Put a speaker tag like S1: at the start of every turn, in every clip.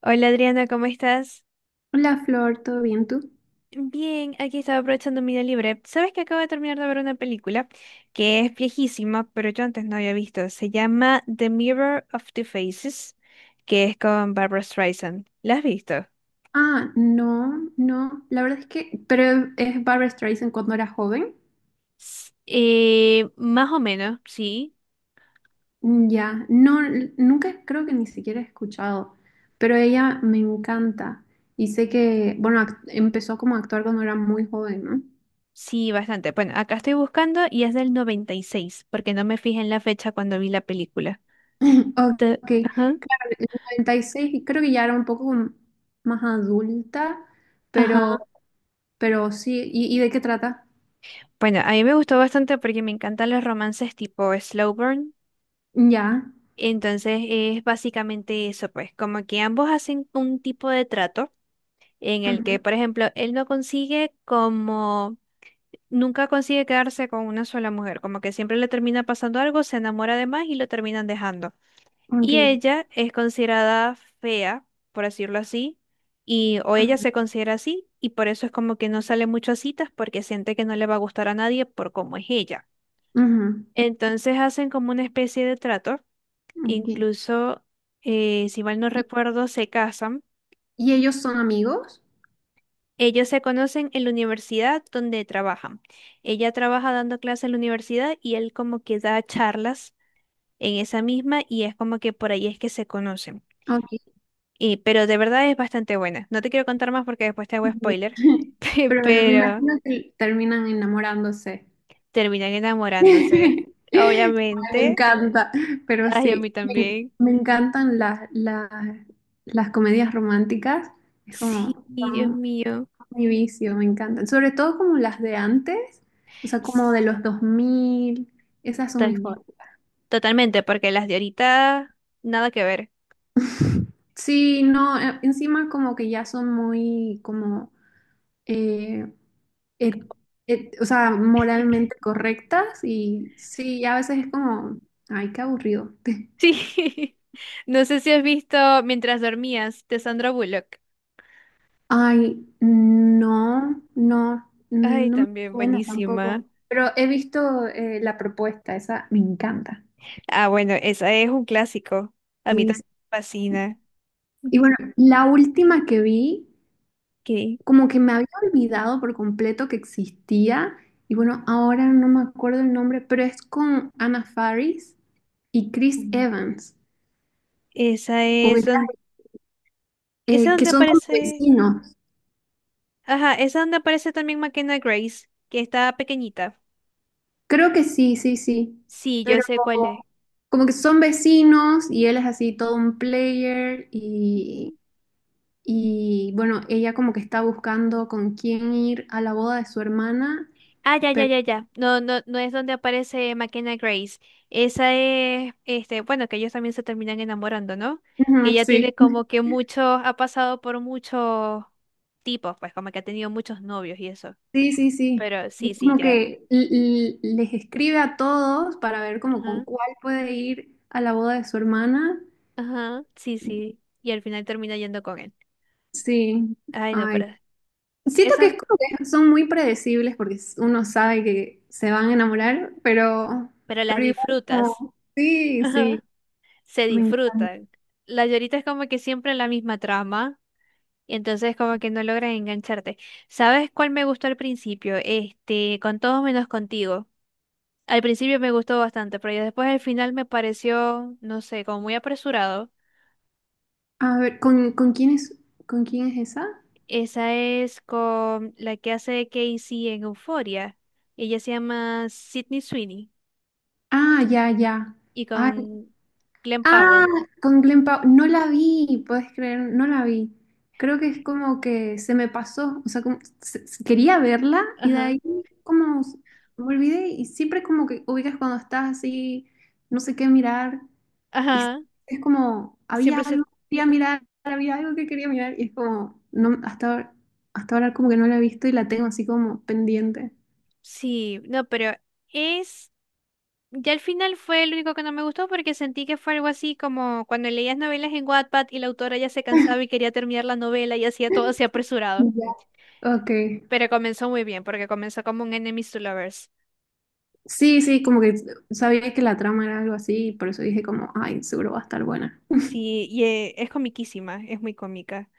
S1: Hola Adriana, ¿cómo estás?
S2: Hola Flor, ¿todo bien tú?
S1: Bien, aquí estaba aprovechando mi día libre. Sabes que acabo de terminar de ver una película que es viejísima, pero yo antes no había visto. Se llama The Mirror of the Faces, que es con Barbara Streisand. ¿La has visto?
S2: Ah, no, no, la verdad es que, pero es Barbra Streisand cuando era joven.
S1: Más o menos, sí.
S2: Ya, no, nunca creo que ni siquiera he escuchado, pero ella me encanta y sé que, bueno, empezó como a actuar cuando era muy joven, ¿no?
S1: Sí, bastante. Bueno, acá estoy buscando y es del 96, porque no me fijé en la fecha cuando vi la película.
S2: Ok,
S1: Ajá,
S2: claro, en el 96 y creo que ya era un poco como más adulta, pero,
S1: ajá.
S2: pero sí, ¿y de qué trata?
S1: Bueno, a mí me gustó bastante porque me encantan los romances tipo slow burn.
S2: Ya,
S1: Entonces es básicamente eso, pues, como que ambos hacen un tipo de trato en el que,
S2: ujú,
S1: por ejemplo, él no consigue como, nunca consigue quedarse con una sola mujer, como que siempre le termina pasando algo, se enamora de más y lo terminan dejando.
S2: ok,
S1: Y ella es considerada fea, por decirlo así, y o ella se
S2: ujú,
S1: considera así, y por eso es como que no sale mucho a citas porque siente que no le va a gustar a nadie por cómo es ella.
S2: ujú,
S1: Entonces hacen como una especie de trato.
S2: ok.
S1: Incluso, si mal no recuerdo, se casan.
S2: ¿Y ellos son amigos?
S1: Ellos se conocen en la universidad donde trabajan. Ella trabaja dando clases en la universidad y él como que da charlas en esa misma y es como que por ahí es que se conocen.
S2: Ok.
S1: Y, pero de verdad es bastante buena. No te quiero contar más porque después te hago
S2: Ya.
S1: spoiler,
S2: Pero bueno, me
S1: pero
S2: imagino que terminan enamorándose.
S1: terminan enamorándose.
S2: Ay, me
S1: Obviamente.
S2: encanta, pero
S1: Ay, a mí
S2: sí, me,
S1: también.
S2: me encantan las comedias románticas. Es como
S1: Sí, Dios
S2: son
S1: mío.
S2: mi vicio, me encantan. Sobre todo como las de antes, o sea, como
S1: S-
S2: de los 2000. Esas son mis
S1: Totalmente.
S2: favoritas.
S1: Totalmente, porque las de ahorita, nada que ver.
S2: Sí, no, encima como que ya son muy como... eh, et- o sea, moralmente correctas y sí, a veces es como, ay, qué aburrido.
S1: Sí, no sé si has visto Mientras dormías de Sandra Bullock.
S2: Ay, no, no,
S1: Ay,
S2: no me
S1: también
S2: suena
S1: buenísima.
S2: tampoco, pero he visto la propuesta, esa me encanta.
S1: Ah, bueno, esa es un clásico. A mí
S2: Sí, sí.
S1: también me fascina.
S2: Y
S1: Ujú.
S2: bueno, la última que vi,
S1: Ok.
S2: como que me había olvidado por completo que existía, y bueno, ahora no me acuerdo el nombre, pero es con Anna Faris y Chris
S1: Una-
S2: Evans,
S1: Esa es donde,
S2: ubica-
S1: esa
S2: que
S1: donde
S2: son como
S1: aparece,
S2: vecinos.
S1: ajá, esa donde aparece también McKenna Grace, que está pequeñita.
S2: Creo que sí, sí, sí.
S1: Sí, yo
S2: Pero
S1: sé cuál es.
S2: como, como que son vecinos y él es así todo un player y,
S1: Ujú.
S2: y bueno, ella como que está buscando con quién ir a la boda de su hermana,
S1: Ah, ya, ya,
S2: pero...
S1: ya, ya. No, no, no es donde aparece McKenna Grace. Esa es, este, bueno, que ellos también se terminan enamorando, ¿no? Que
S2: Ujú,
S1: ella
S2: sí.
S1: tiene como que mucho, ha pasado por muchos tipos, pues como que ha tenido muchos novios y eso.
S2: Sí, sí, sí.
S1: Pero
S2: Es
S1: sí, sí,
S2: como
S1: ya.
S2: que les escribe a todos para ver como con
S1: Ajá,
S2: cuál puede ir a la boda de su hermana.
S1: ajá, sí, sí. Y al final termina yendo con él.
S2: Sí.
S1: Ay, no,
S2: Ay,
S1: pero
S2: siento que es
S1: eso,
S2: como que son muy predecibles porque uno sabe que se van a enamorar,
S1: pero las
S2: pero igual
S1: disfrutas.
S2: sí, sí.
S1: Ajá, se
S2: me enc-
S1: disfrutan. La llorita es como que siempre la misma trama. Y entonces como que no logran engancharte. ¿Sabes cuál me gustó al principio? Este, con todos menos contigo. Al principio me gustó bastante, pero ya después al final me pareció, no sé, como muy apresurado.
S2: A ver, ¿con quién es, con quién es esa?
S1: Esa es con la que hace Casey en Euphoria. Ella se llama Sydney Sweeney
S2: Ah, ya, ya.
S1: y
S2: Ay,
S1: con Glenn
S2: ah,
S1: Powell.
S2: con Glenn Powell. No la vi, puedes creer, no la vi. Creo que es como que se me pasó, o sea, quería verla y de
S1: Ajá,
S2: ahí como s- me olvidé y siempre como que ubicas cuando estás así, no sé qué mirar y
S1: ajá.
S2: es como, había
S1: Siempre se...
S2: algo que quería mirar, había algo que quería mirar y es como, no, hasta ahora como que no la he visto y la tengo así como pendiente.
S1: Sí, no, pero es... Ya al final fue el único que no me gustó porque sentí que fue algo así como cuando leías novelas en Wattpad y la autora ya se cansaba y quería terminar la novela y hacía todo así apresurado.
S2: Ya. Ok,
S1: Pero comenzó muy bien porque comenzó como un Enemies to Lovers.
S2: sí, sí, como que sabía que la trama era algo así y por eso dije como, ay, seguro va a estar buena.
S1: Sí, y es comiquísima, es muy cómica,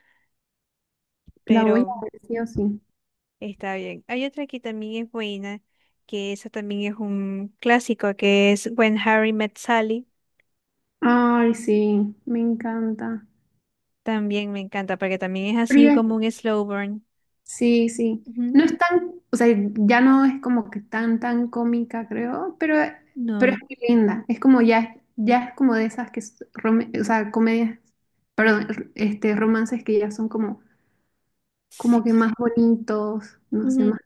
S2: La voy
S1: pero
S2: a ver sí o sí.
S1: está bien. Hay otra que también es buena, que esa también es un clásico, que es When Harry Met Sally.
S2: Ay, sí, me encanta.
S1: También me encanta porque también es
S2: Pero
S1: así
S2: ya-
S1: como un slow burn.
S2: Sí, sí. No
S1: Ujú,
S2: es tan, o sea, ya no es como que tan, tan cómica, creo, pero es
S1: no,
S2: muy linda. Es como ya, ya es como de esas que, es o sea, comedias, perdón, este, romances que ya son como,
S1: sí.
S2: como que más bonitos, no sé, más.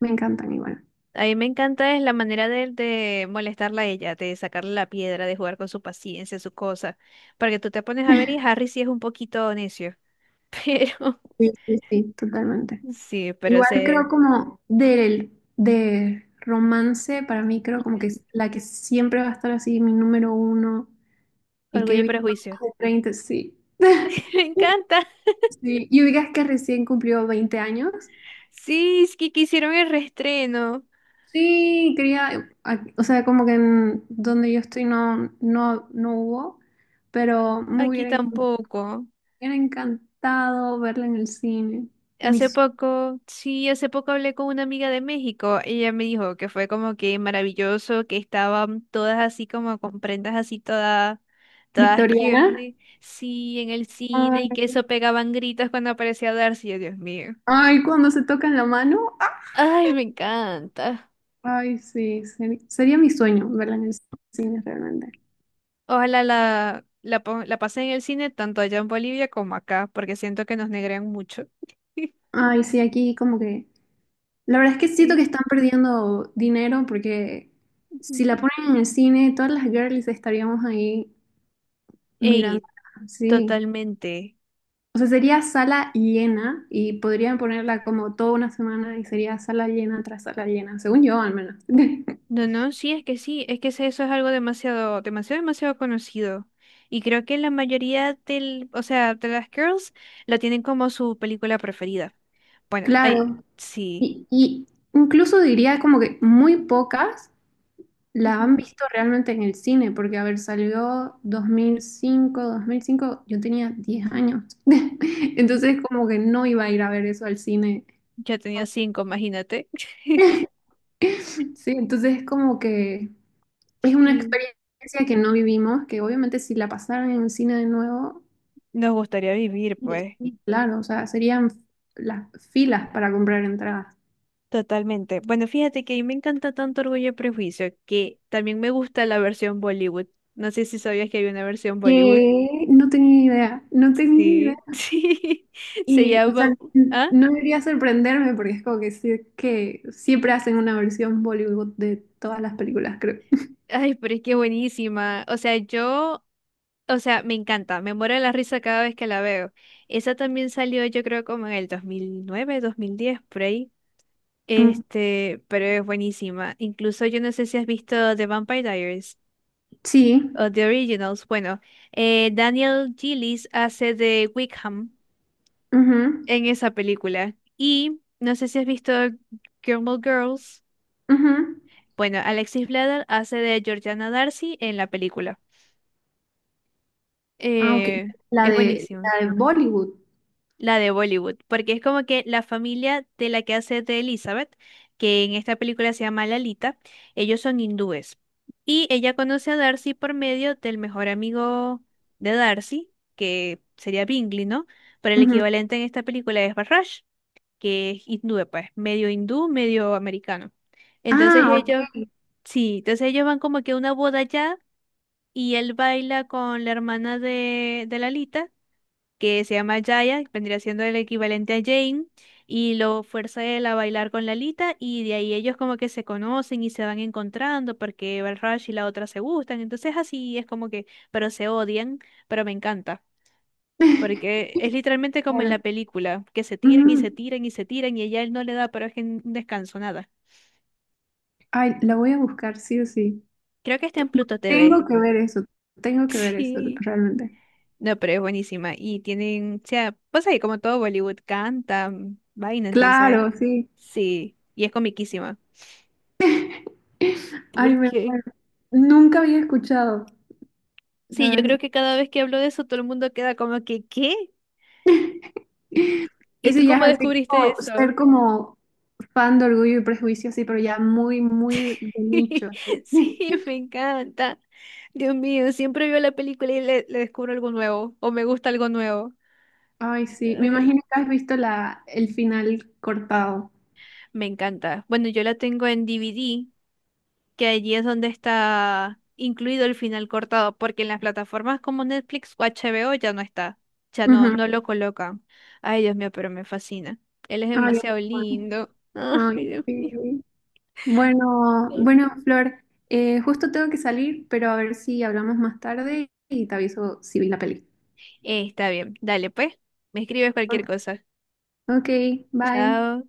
S2: Me encantan igual.
S1: A mí me encanta es la manera de molestarla a ella, de sacarle la piedra, de jugar con su paciencia, su cosa. Porque tú te pones a ver y Harry sí es un poquito necio. Pero,
S2: Sí, sí, sí, totalmente.
S1: sí, pero
S2: Igual
S1: se...
S2: creo de romance, para mí creo como que
S1: Ujú.
S2: es la que siempre va a estar así, mi número uno, y
S1: Orgullo
S2: que he
S1: y
S2: visto
S1: prejuicio.
S2: más de 30, sí.
S1: Me encanta.
S2: Sí, y ubicas que recién cumplió 20 años.
S1: Sí, es que quisieron el reestreno.
S2: Sí, quería, o sea, como que en donde yo estoy no, no, no hubo, pero
S1: Aquí tampoco.
S2: me hubiera encantado verla en el cine.
S1: Hace
S2: Mis
S1: poco, sí, hace poco hablé con una amiga de México. Ella me dijo que fue como que maravilloso, que estaban todas así como con prendas así todas, todas
S2: Victoriana.
S1: girly, sí, en el cine y
S2: Ay,
S1: que eso pegaban gritos cuando aparecía Darcy. Yo, Dios mío.
S2: ay, cuando se tocan la mano.
S1: Ay, me encanta.
S2: Ay, sí, sería mi sueño verla en el cine realmente.
S1: Ojalá la pasé en el cine tanto allá en Bolivia como acá, porque siento que nos negrean mucho.
S2: Ay, sí, aquí como que... La verdad es que siento que
S1: Sí.
S2: están perdiendo dinero porque si
S1: Ujú.
S2: la ponen en el cine, todas las girlies estaríamos ahí mirando.
S1: Ey,
S2: Sí.
S1: totalmente.
S2: O sea, sería sala llena y podrían ponerla como toda una semana y sería sala llena tras sala llena, según yo al menos.
S1: No, no, sí, es que eso es algo demasiado, demasiado, demasiado conocido. Y creo que la mayoría del, o sea, de las girls lo tienen como su película preferida. Bueno, ay,
S2: Claro.
S1: sí.
S2: Y incluso diría como que muy pocas. La han
S1: Ujú.
S2: visto realmente en el cine, porque, a ver, salió 2005, 2005, yo tenía 10 años. Entonces, como que no iba a ir a ver eso al cine.
S1: Yo tenía 5, imagínate.
S2: Sí, entonces es como que es una
S1: Sí.
S2: experiencia que no vivimos, que obviamente si la pasaran en el cine de nuevo,
S1: Nos gustaría vivir, pues.
S2: y claro, o sea, serían las filas para comprar entradas.
S1: Totalmente. Bueno, fíjate que a mí me encanta tanto Orgullo y Prejuicio que también me gusta la versión Bollywood. No sé si sabías que hay una versión Bollywood.
S2: Que no tenía idea, no tenía.
S1: Sí, sí. Se
S2: Y, o
S1: llama...
S2: sea,
S1: ¿Ah?
S2: no debería sorprenderme porque es como que, que siempre hacen una versión Bollywood de todas las películas, creo.
S1: Ay, pero es que buenísima. O sea, yo, o sea, me encanta, me muero de la risa cada vez que la veo. Esa también salió, yo creo, como en el 2009, 2010, por ahí.
S2: Mm,
S1: Este, pero es buenísima. Incluso yo no sé si has visto The Vampire Diaries
S2: sí.
S1: o The Originals. Bueno, Daniel Gillies hace de Wickham
S2: Ujú,
S1: en esa película. Y no sé si has visto Gilmore Girls.
S2: ujú.
S1: Bueno, Alexis Bledel hace de Georgiana Darcy en la película.
S2: Ah, ok.
S1: Eh,
S2: La
S1: es
S2: de,
S1: buenísimo.
S2: la de Bollywood.
S1: La de Bollywood, porque es como que la familia de la que hace de Elizabeth, que en esta película se llama Lalita, ellos son hindúes. Y ella conoce a Darcy por medio del mejor amigo de Darcy, que sería Bingley, ¿no? Pero el
S2: Ujú.
S1: equivalente en esta película es Barrage, que es hindú, pues, medio hindú, medio americano. Entonces
S2: Ah,
S1: ellos,
S2: ok.
S1: sí, entonces ellos van como que a una boda allá y él baila con la hermana de Lalita que se llama Jaya, que vendría siendo el equivalente a Jane, y lo fuerza él a bailar con Lalita, y de ahí ellos como que se conocen y se van encontrando porque Balraj y la otra se gustan, entonces así es como que, pero se odian, pero me encanta. Porque es literalmente como en
S2: Claro.
S1: la película, que se tiran y se
S2: Ujú.
S1: tiran y se tiran y ella él no le da, pero es que un descanso, nada.
S2: Ay, la voy a buscar, sí o sí.
S1: Creo que está en Pluto TV.
S2: Tengo que ver eso, tengo que ver eso,
S1: Sí.
S2: realmente.
S1: No, pero es buenísima. Y tienen, o sea, pues ahí como todo Bollywood canta, mm, vaina, entonces
S2: Claro, sí.
S1: sí, y es comiquísima.
S2: Ay, me...
S1: Porque
S2: muero. Nunca había escuchado, la
S1: sí, yo
S2: verdad.
S1: creo que cada vez que hablo de eso todo el mundo queda como que, ¿qué? ¿Y tú
S2: Ese ya
S1: cómo
S2: es así
S1: descubriste
S2: como
S1: eso?
S2: ser como fan de Orgullo y Prejuicio, sí, pero ya muy, muy de nicho, así.
S1: Sí, me encanta. Dios mío, siempre veo la película y le descubro algo nuevo o me gusta algo nuevo.
S2: Ay, sí, me
S1: Ay,
S2: imagino que has visto la, el final cortado.
S1: me encanta. Bueno, yo la tengo en DVD que allí es donde está incluido el final cortado, porque en las plataformas como Netflix o HBO ya no está, ya no,
S2: Ujú.
S1: no lo colocan. Ay, Dios mío, pero me fascina. Él es
S2: Ay,
S1: demasiado
S2: bueno.
S1: lindo.
S2: Ay,
S1: Ay, Dios mío.
S2: sí. Bueno, bueno, Flor, justo tengo que salir, pero a ver si hablamos más tarde y te aviso si vi la peli.
S1: Está bien, dale pues, me escribes cualquier cosa.
S2: Ok, bye.
S1: Chao.